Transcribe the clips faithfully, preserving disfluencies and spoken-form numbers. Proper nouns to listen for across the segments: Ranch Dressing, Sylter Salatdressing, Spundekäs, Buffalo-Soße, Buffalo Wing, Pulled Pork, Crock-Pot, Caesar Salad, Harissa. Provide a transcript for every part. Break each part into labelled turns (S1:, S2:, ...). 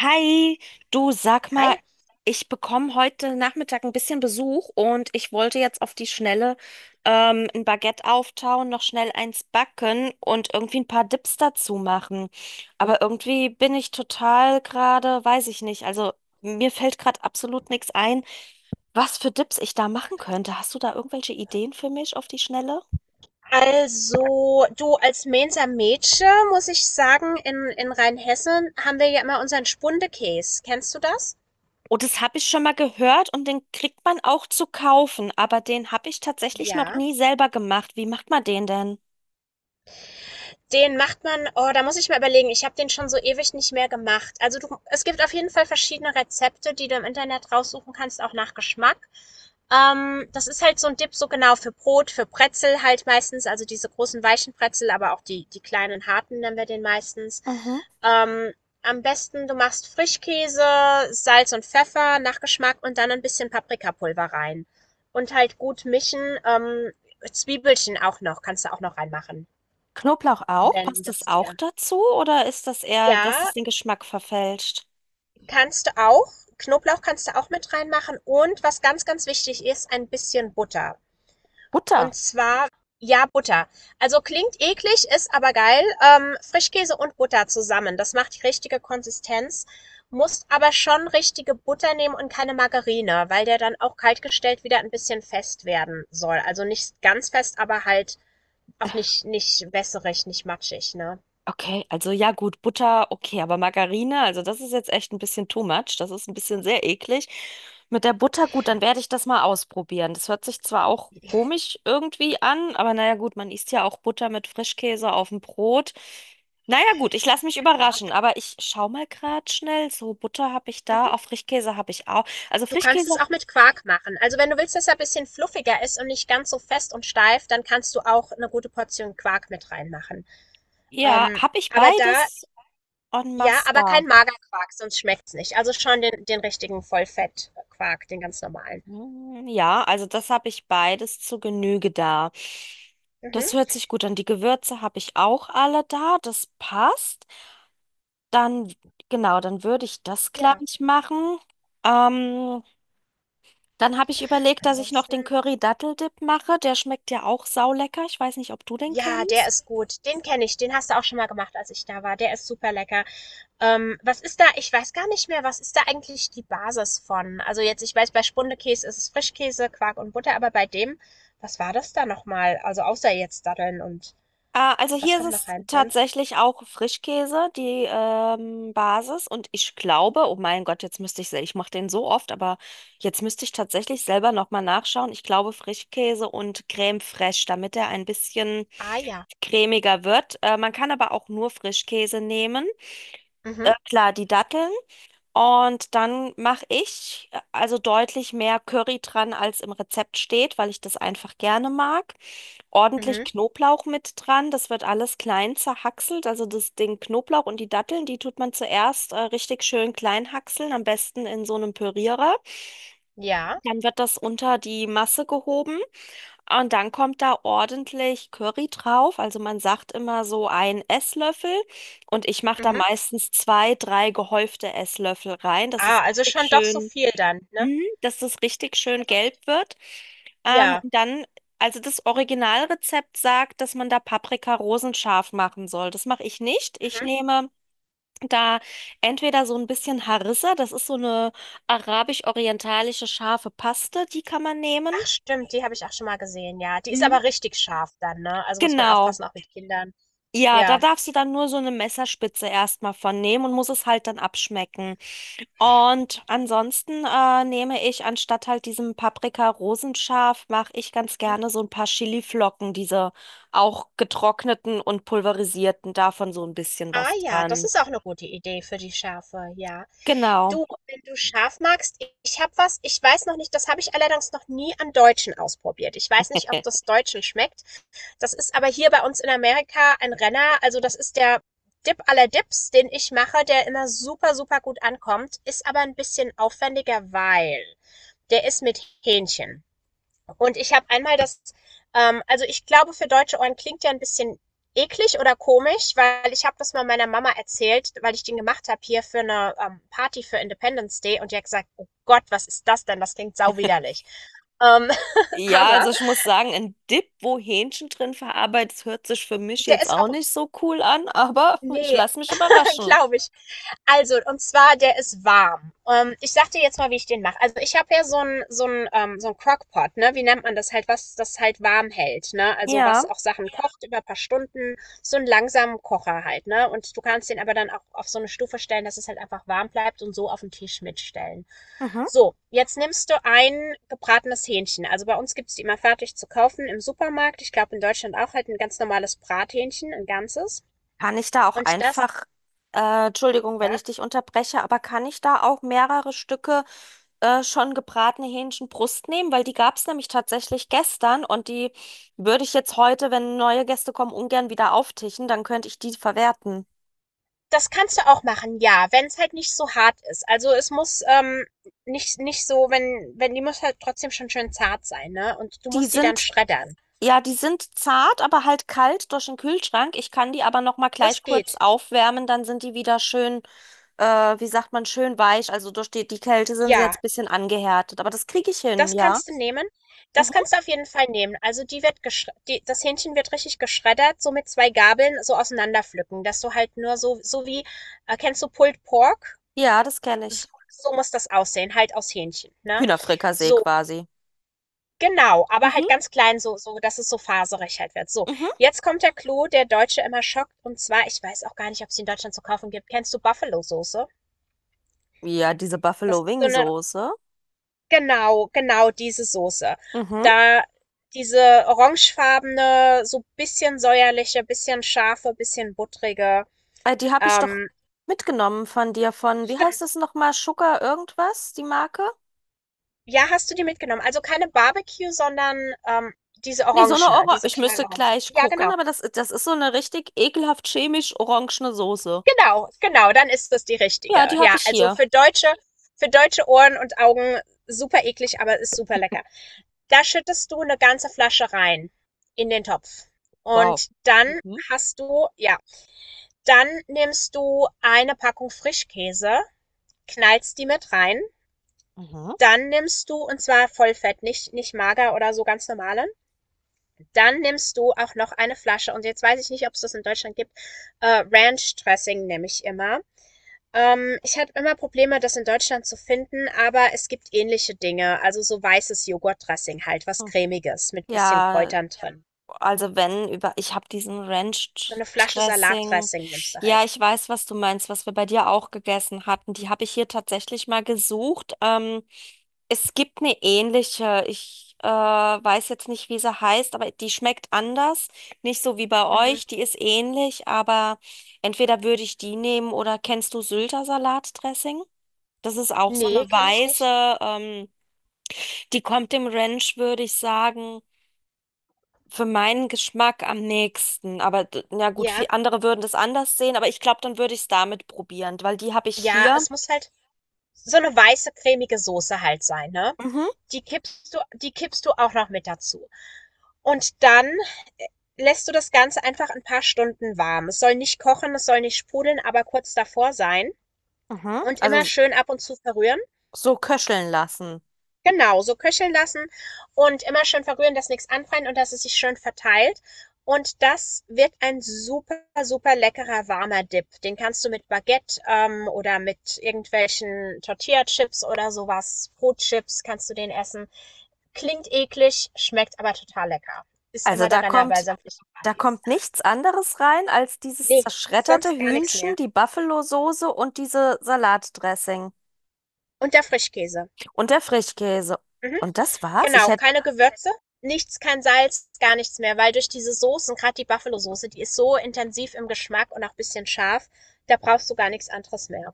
S1: Hi, du sag mal,
S2: Hi.
S1: ich bekomme heute Nachmittag ein bisschen Besuch und ich wollte jetzt auf die Schnelle ähm, ein Baguette auftauen, noch schnell eins backen und irgendwie ein paar Dips dazu machen. Aber irgendwie bin ich total gerade, weiß ich nicht, also mir fällt gerade absolut nichts ein, was für Dips ich da machen könnte. Hast du da irgendwelche Ideen für mich auf die Schnelle?
S2: Also, du, als Mainzer Mädchen muss ich sagen, in, in Rheinhessen haben wir ja immer unseren Spundekäs. Kennst du das?
S1: Oh, das habe ich schon mal gehört und den kriegt man auch zu kaufen, aber den habe ich tatsächlich noch
S2: Ja.
S1: nie selber gemacht. Wie macht man den denn?
S2: Den macht man, oh, da muss ich mal überlegen. Ich habe den schon so ewig nicht mehr gemacht. Also du, es gibt auf jeden Fall verschiedene Rezepte, die du im Internet raussuchen kannst, auch nach Geschmack. Ähm, das ist halt so ein Dip, so genau für Brot, für Brezel halt meistens, also diese großen weichen Brezel, aber auch die, die kleinen harten nennen wir den meistens.
S1: Mhm.
S2: Ähm, Am besten, du machst Frischkäse, Salz und Pfeffer nach Geschmack und dann ein bisschen Paprikapulver rein. Und halt gut mischen. Ähm, Zwiebelchen auch noch, kannst du auch noch reinmachen.
S1: Knoblauch auch?
S2: Wenn
S1: Passt das
S2: das
S1: auch
S2: dir,
S1: dazu oder ist das eher, dass es
S2: ja,
S1: den Geschmack verfälscht?
S2: kannst du auch. Knoblauch kannst du auch mit reinmachen und was ganz, ganz wichtig ist, ein bisschen Butter.
S1: Butter.
S2: Und zwar, ja, Butter. Also klingt eklig, ist aber geil. Ähm, Frischkäse und Butter zusammen. Das macht die richtige Konsistenz. Musst aber schon richtige Butter nehmen und keine Margarine, weil der dann auch kaltgestellt wieder ein bisschen fest werden soll. Also nicht ganz fest, aber halt auch nicht, nicht wässerig, nicht matschig, ne?
S1: Okay, also ja gut, Butter, okay, aber Margarine, also das ist jetzt echt ein bisschen too much. Das ist ein bisschen sehr eklig. Mit der Butter, gut, dann werde ich das mal ausprobieren. Das hört sich zwar auch komisch irgendwie an, aber naja gut, man isst ja auch Butter mit Frischkäse auf dem Brot. Naja gut, ich lasse mich überraschen, aber ich schau mal gerade schnell. So, Butter habe ich da, auch Frischkäse habe ich auch. Also
S2: Du kannst
S1: Frischkäse,
S2: es auch mit Quark machen. Also wenn du willst, dass er ein bisschen fluffiger ist und nicht ganz so fest und steif, dann kannst du auch eine gute Portion Quark mit reinmachen.
S1: ja,
S2: Ähm,
S1: habe ich
S2: aber da,
S1: beides en
S2: ja,
S1: masse
S2: aber kein
S1: da.
S2: Magerquark, sonst schmeckt's nicht. Also schon den, den richtigen Vollfettquark, den ganz normalen.
S1: Hm, ja, also das habe ich beides zu Genüge da. Das
S2: Mhm.
S1: hört sich gut an. Die Gewürze habe ich auch alle da, das passt. Dann, genau, dann würde ich das
S2: Ja,
S1: gleich machen. Ähm, Dann habe ich überlegt, dass ich noch den
S2: ansonsten,
S1: Curry-Dattel-Dip mache. Der schmeckt ja auch saulecker. Ich weiß nicht, ob du den
S2: ja, der
S1: kennst.
S2: ist gut. Den kenne ich. Den hast du auch schon mal gemacht, als ich da war. Der ist super lecker. Ähm, was ist da Ich weiß gar nicht mehr, was ist da eigentlich die Basis von? Also jetzt, ich weiß, bei Spundekäse ist es Frischkäse, Quark und Butter, aber bei dem, was war das da nochmal? Also außer jetzt Datteln und
S1: Ah, also
S2: was
S1: hier
S2: kommt noch
S1: ist es
S2: rein? Senf?
S1: tatsächlich auch Frischkäse, die ähm, Basis. Und ich glaube, oh mein Gott, jetzt müsste ich, se- ich mache den so oft, aber jetzt müsste ich tatsächlich selber nochmal nachschauen. Ich glaube Frischkäse und Creme fraiche, damit er ein bisschen
S2: Ah ja.
S1: cremiger wird. Äh, man kann aber auch nur Frischkäse nehmen.
S2: Mhm,
S1: Äh, klar, die Datteln. Und dann mache ich äh, also deutlich mehr Curry dran, als im Rezept steht, weil ich das einfach gerne mag. Ordentlich
S2: mhm,
S1: Knoblauch mit dran, das wird alles klein zerhackselt. Also das, den Knoblauch und die Datteln, die tut man zuerst äh, richtig schön klein hackseln, am besten in so einem Pürierer.
S2: ja.
S1: Dann wird das unter die Masse gehoben. Und dann kommt da ordentlich Curry drauf. Also man sagt immer so ein Esslöffel. Und ich mache da
S2: Mhm.
S1: meistens zwei, drei gehäufte Esslöffel rein, dass es
S2: Ah, also
S1: richtig
S2: schon doch so
S1: schön,
S2: viel dann, ne?
S1: mhm, dass es richtig
S2: Das ist
S1: schön
S2: halt auch richtig.
S1: gelb wird. Ähm,
S2: Ja.
S1: und dann, also das Originalrezept sagt, dass man da Paprika rosenscharf machen soll. Das mache ich nicht. Ich
S2: Mhm.
S1: nehme da entweder so ein bisschen Harissa, das ist so eine arabisch-orientalische scharfe Paste, die kann man nehmen.
S2: Ach stimmt, die habe ich auch schon mal gesehen, ja. Die ist
S1: Mhm.
S2: aber richtig scharf dann, ne? Also muss man
S1: Genau.
S2: aufpassen, auch mit Kindern.
S1: Ja, da
S2: Ja.
S1: darfst du dann nur so eine Messerspitze erstmal von nehmen und musst es halt dann abschmecken. Und ansonsten äh, nehme ich anstatt halt diesem Paprika-Rosenscharf, mache ich ganz
S2: Mhm.
S1: gerne so ein paar Chiliflocken, diese auch getrockneten und pulverisierten, davon so ein bisschen
S2: Ah
S1: was
S2: ja, das
S1: dran.
S2: ist auch eine gute Idee für die Schärfe, ja.
S1: Genau.
S2: Du, wenn du scharf magst, ich habe was, ich weiß noch nicht, das habe ich allerdings noch nie an Deutschen ausprobiert. Ich weiß nicht, ob
S1: Äh,
S2: das Deutschen schmeckt. Das ist aber hier bei uns in Amerika ein Renner. Also das ist der Dip aller Dips, den ich mache, der immer super, super gut ankommt, ist aber ein bisschen aufwendiger, weil der ist mit Hähnchen. Und ich habe einmal das, ähm, also ich glaube, für deutsche Ohren klingt ja ein bisschen eklig oder komisch, weil ich habe das mal meiner Mama erzählt, weil ich den gemacht habe hier für eine ähm, Party für Independence Day und die hat gesagt, oh Gott, was ist das denn? Das klingt sauwiderlich. Ähm,
S1: Ja,
S2: aber
S1: also ich muss sagen, ein Dip, wo Hähnchen drin verarbeitet, ist, hört sich für mich
S2: der
S1: jetzt
S2: ist
S1: auch
S2: auch,
S1: nicht so cool an, aber ich
S2: nee,
S1: lasse mich überraschen.
S2: glaube ich. Also, und zwar, der ist warm. Ähm, ich sag dir jetzt mal, wie ich den mache. Also, ich habe ja so ein so ein ähm, so ein Crock-Pot, ne? Wie nennt man das halt? Was das halt warm hält, ne? Also,
S1: Ja.
S2: was auch Sachen kocht über ein paar Stunden. So einen langsamen Kocher halt, ne? Und du kannst den aber dann auch auf so eine Stufe stellen, dass es halt einfach warm bleibt und so auf den Tisch mitstellen.
S1: Mhm.
S2: So, jetzt nimmst du ein gebratenes Hähnchen. Also, bei uns gibt's die immer fertig zu kaufen im Supermarkt. Ich glaube, in Deutschland auch halt ein ganz normales Brathähnchen, ein ganzes.
S1: Kann ich da auch
S2: Und das,
S1: einfach, äh, Entschuldigung, wenn
S2: ja.
S1: ich dich unterbreche, aber kann ich da auch mehrere Stücke äh, schon gebratene Hähnchenbrust nehmen? Weil die gab es nämlich tatsächlich gestern und die würde ich jetzt heute, wenn neue Gäste kommen, ungern wieder auftischen, dann könnte ich die verwerten.
S2: Das kannst du auch machen, ja, wenn es halt nicht so hart ist. Also, es muss, ähm, nicht nicht so, wenn wenn die muss halt trotzdem schon schön zart sein, ne? Und du
S1: Die
S2: musst die dann
S1: sind,
S2: schreddern.
S1: ja, die sind zart, aber halt kalt durch den Kühlschrank. Ich kann die aber noch mal
S2: Das
S1: gleich kurz
S2: geht.
S1: aufwärmen, dann sind die wieder schön, äh, wie sagt man, schön weich. Also durch die, die Kälte sind sie jetzt ein
S2: Ja,
S1: bisschen angehärtet, aber das kriege ich hin,
S2: das
S1: ja.
S2: kannst du nehmen. Das
S1: Mhm.
S2: kannst du auf jeden Fall nehmen. Also, die wird geschre die das Hähnchen wird richtig geschreddert, so mit zwei Gabeln so auseinanderpflücken, dass du halt nur so so wie äh, kennst du Pulled Pork?
S1: Ja, das kenne ich.
S2: So so muss das aussehen, halt aus Hähnchen, ne?
S1: Hühnerfrikassee
S2: So,
S1: quasi.
S2: genau, aber
S1: Mhm,
S2: halt ganz klein, so so dass es so faserig halt wird. So,
S1: mhm.
S2: jetzt kommt der Clou, der Deutsche immer schockt. Und zwar, ich weiß auch gar nicht, ob es in Deutschland zu kaufen gibt. Kennst du Buffalo-Soße?
S1: Ja, diese
S2: Das
S1: Buffalo
S2: ist so
S1: Wing
S2: eine,
S1: Soße.
S2: genau, genau diese Soße.
S1: Mhm.
S2: Da diese orangefarbene, so bisschen säuerliche, bisschen scharfe, bisschen buttrige.
S1: Äh, die habe ich doch
S2: Ähm,
S1: mitgenommen von dir von, wie heißt
S2: stimmt.
S1: das nochmal? Sugar irgendwas, die Marke?
S2: Ja, hast du die mitgenommen? Also keine Barbecue, sondern ähm, diese
S1: Nee, so eine
S2: orangene,
S1: Orange.
S2: diese
S1: Ich müsste
S2: knallorange.
S1: gleich
S2: Ja,
S1: gucken,
S2: genau.
S1: aber das, das ist so eine richtig ekelhaft chemisch orangene Soße.
S2: Genau, genau, dann ist das die richtige.
S1: Ja, die habe
S2: Ja,
S1: ich
S2: also
S1: hier.
S2: für deutsche, für deutsche Ohren und Augen super eklig, aber ist super lecker. Da schüttest du eine ganze Flasche rein in den Topf.
S1: Wow.
S2: Und dann
S1: Mhm.
S2: hast du, ja, dann nimmst du eine Packung Frischkäse, knallst die mit rein.
S1: Mhm.
S2: Dann nimmst du, und zwar Vollfett, nicht, nicht mager oder so, ganz normalen. Dann nimmst du auch noch eine Flasche, und jetzt weiß ich nicht, ob es das in Deutschland gibt, äh, Ranch Dressing nehme ich immer. Ähm, ich hatte immer Probleme, das in Deutschland zu finden, aber es gibt ähnliche Dinge. Also so weißes Joghurtdressing halt, was
S1: Hm.
S2: Cremiges mit bisschen
S1: Ja,
S2: Kräutern drin.
S1: also wenn über, ich habe diesen Ranch
S2: So eine Flasche
S1: Dressing.
S2: Salatdressing nimmst du
S1: Ja,
S2: halt.
S1: ich weiß, was du meinst, was wir bei dir auch gegessen hatten. Die habe ich hier tatsächlich mal gesucht. Ähm, es gibt eine ähnliche. Ich äh, weiß jetzt nicht, wie sie heißt, aber die schmeckt anders. Nicht so wie bei
S2: Mhm.
S1: euch. Die ist ähnlich, aber entweder würde ich die nehmen oder kennst du Sylter Salatdressing? Das ist auch so eine
S2: Nee, kenne ich nicht.
S1: weiße. Ähm, die kommt dem Ranch, würde ich sagen, für meinen Geschmack am nächsten. Aber d- na gut,
S2: Ja.
S1: viele andere würden das anders sehen, aber ich glaube, dann würde ich es damit probieren, weil die habe ich
S2: Ja,
S1: hier.
S2: es muss halt so eine weiße, cremige Soße halt sein, ne?
S1: Mhm,
S2: die kippst du, die kippst du auch noch mit dazu. Und dann äh, lässt du das Ganze einfach ein paar Stunden warm. Es soll nicht kochen, es soll nicht sprudeln, aber kurz davor sein.
S1: mhm.
S2: Und
S1: Also
S2: immer
S1: s-
S2: schön ab und zu verrühren.
S1: so köcheln lassen.
S2: Genau, so köcheln lassen und immer schön verrühren, dass nichts anbrennt und dass es sich schön verteilt. Und das wird ein super, super leckerer warmer Dip. Den kannst du mit Baguette ähm, oder mit irgendwelchen Tortilla-Chips oder sowas, Brotchips kannst du den essen. Klingt eklig, schmeckt aber total lecker. Ist
S1: Also
S2: immer der
S1: da
S2: Renner bei
S1: kommt,
S2: sämtlichen
S1: da
S2: Partys.
S1: kommt nichts anderes rein als dieses
S2: Nee,
S1: zerschredderte
S2: sonst gar nichts
S1: Hühnchen,
S2: mehr.
S1: die Buffalo-Soße und diese Salatdressing
S2: Und der Frischkäse.
S1: und der Frischkäse.
S2: Mhm.
S1: Und das war's. Ich
S2: Genau,
S1: hätte,
S2: keine Gewürze, nichts, kein Salz, gar nichts mehr, weil durch diese Soßen, gerade die Buffalo-Soße, die ist so intensiv im Geschmack und auch ein bisschen scharf, da brauchst du gar nichts anderes mehr.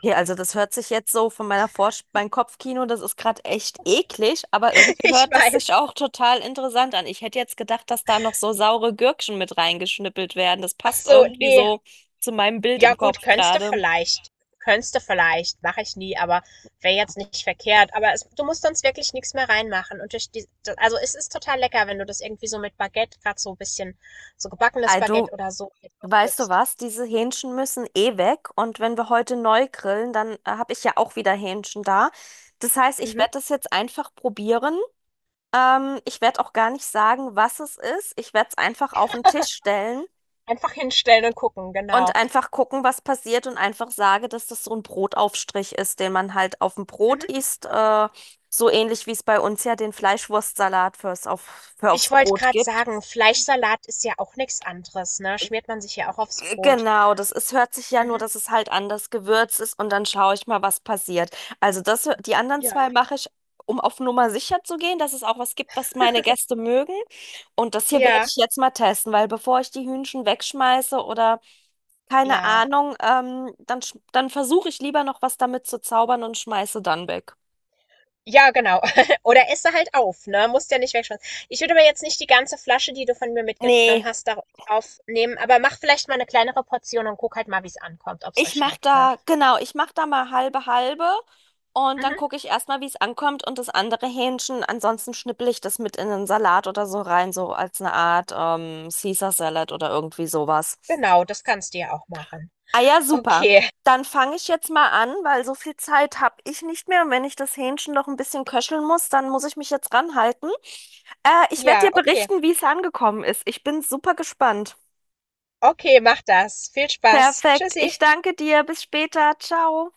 S1: okay, also das hört sich jetzt so von meiner Vorst, mein Kopfkino, das ist gerade echt eklig, aber irgendwie
S2: Ich
S1: hört es sich
S2: weiß.
S1: auch total interessant an. Ich hätte jetzt gedacht, dass da noch so saure Gürkchen mit reingeschnippelt werden. Das
S2: Ach
S1: passt
S2: so,
S1: irgendwie
S2: nee,
S1: so zu meinem Bild
S2: ja
S1: im
S2: gut,
S1: Kopf
S2: könntest du
S1: gerade.
S2: vielleicht. Könntest du vielleicht, mache ich nie, aber wäre jetzt nicht verkehrt. Aber es, du musst sonst wirklich nichts mehr reinmachen. Und durch die, da- also es ist total lecker, wenn du das irgendwie so mit Baguette, gerade so ein bisschen so gebackenes
S1: Ey, du,
S2: Baguette oder so mit
S1: weißt du
S2: aufdippst.
S1: was? Diese Hähnchen müssen eh weg und wenn wir heute neu grillen, dann äh, habe ich ja auch wieder Hähnchen da. Das heißt, ich
S2: Mhm.
S1: werde das jetzt einfach probieren. Ähm, ich werde auch gar nicht sagen, was es ist. Ich werde es einfach auf den Tisch stellen.
S2: Einfach hinstellen und gucken,
S1: Und
S2: genau.
S1: einfach gucken, was passiert und einfach sage, dass das so ein Brotaufstrich ist, den man halt auf dem Brot
S2: Mhm.
S1: isst. Äh, so ähnlich wie es bei uns ja den Fleischwurstsalat fürs auf, für aufs
S2: Ich wollte
S1: Brot
S2: gerade
S1: gibt.
S2: sagen, Fleischsalat ist ja auch nichts anderes, ne? Schmiert man sich ja auch aufs
S1: G-
S2: Brot.
S1: Genau, das ist, hört sich ja nur,
S2: Mhm.
S1: dass es halt anders gewürzt ist und dann schaue ich mal, was passiert. Also das, die anderen
S2: Ja.
S1: zwei mache ich, um auf Nummer sicher zu gehen, dass es auch was gibt, was meine Gäste mögen. Und das hier werde
S2: Ja.
S1: ich jetzt mal testen, weil bevor ich die Hühnchen wegschmeiße oder keine
S2: Ja.
S1: Ahnung, ähm, dann, sch- dann versuche ich lieber noch was damit zu zaubern und schmeiße dann weg.
S2: Ja, genau. Oder esse halt auf, ne? Musst ja nicht wegschmeißen. Ich würde mir jetzt nicht die ganze Flasche, die du von mir mitgenommen
S1: Nee,
S2: hast, darauf aufnehmen, aber mach vielleicht mal eine kleinere Portion und guck halt mal, wie es ankommt, ob es
S1: ich
S2: euch
S1: mach
S2: schmeckt, ne?
S1: da, genau, ich mach da mal halbe halbe und dann
S2: Mhm.
S1: gucke ich erstmal, wie es ankommt und das andere Hähnchen, ansonsten schnippel ich das mit in den Salat oder so rein, so als eine Art ähm, Caesar Salad oder irgendwie sowas.
S2: Genau, das kannst du ja auch machen.
S1: Ah ja, super.
S2: Okay.
S1: Dann fange ich jetzt mal an, weil so viel Zeit habe ich nicht mehr. Und wenn ich das Hähnchen noch ein bisschen köcheln muss, dann muss ich mich jetzt ranhalten. Äh, ich werde
S2: Ja,
S1: dir
S2: okay.
S1: berichten, wie es angekommen ist. Ich bin super gespannt.
S2: Okay, mach das. Viel Spaß.
S1: Perfekt. Ich
S2: Tschüssi.
S1: danke dir. Bis später. Ciao.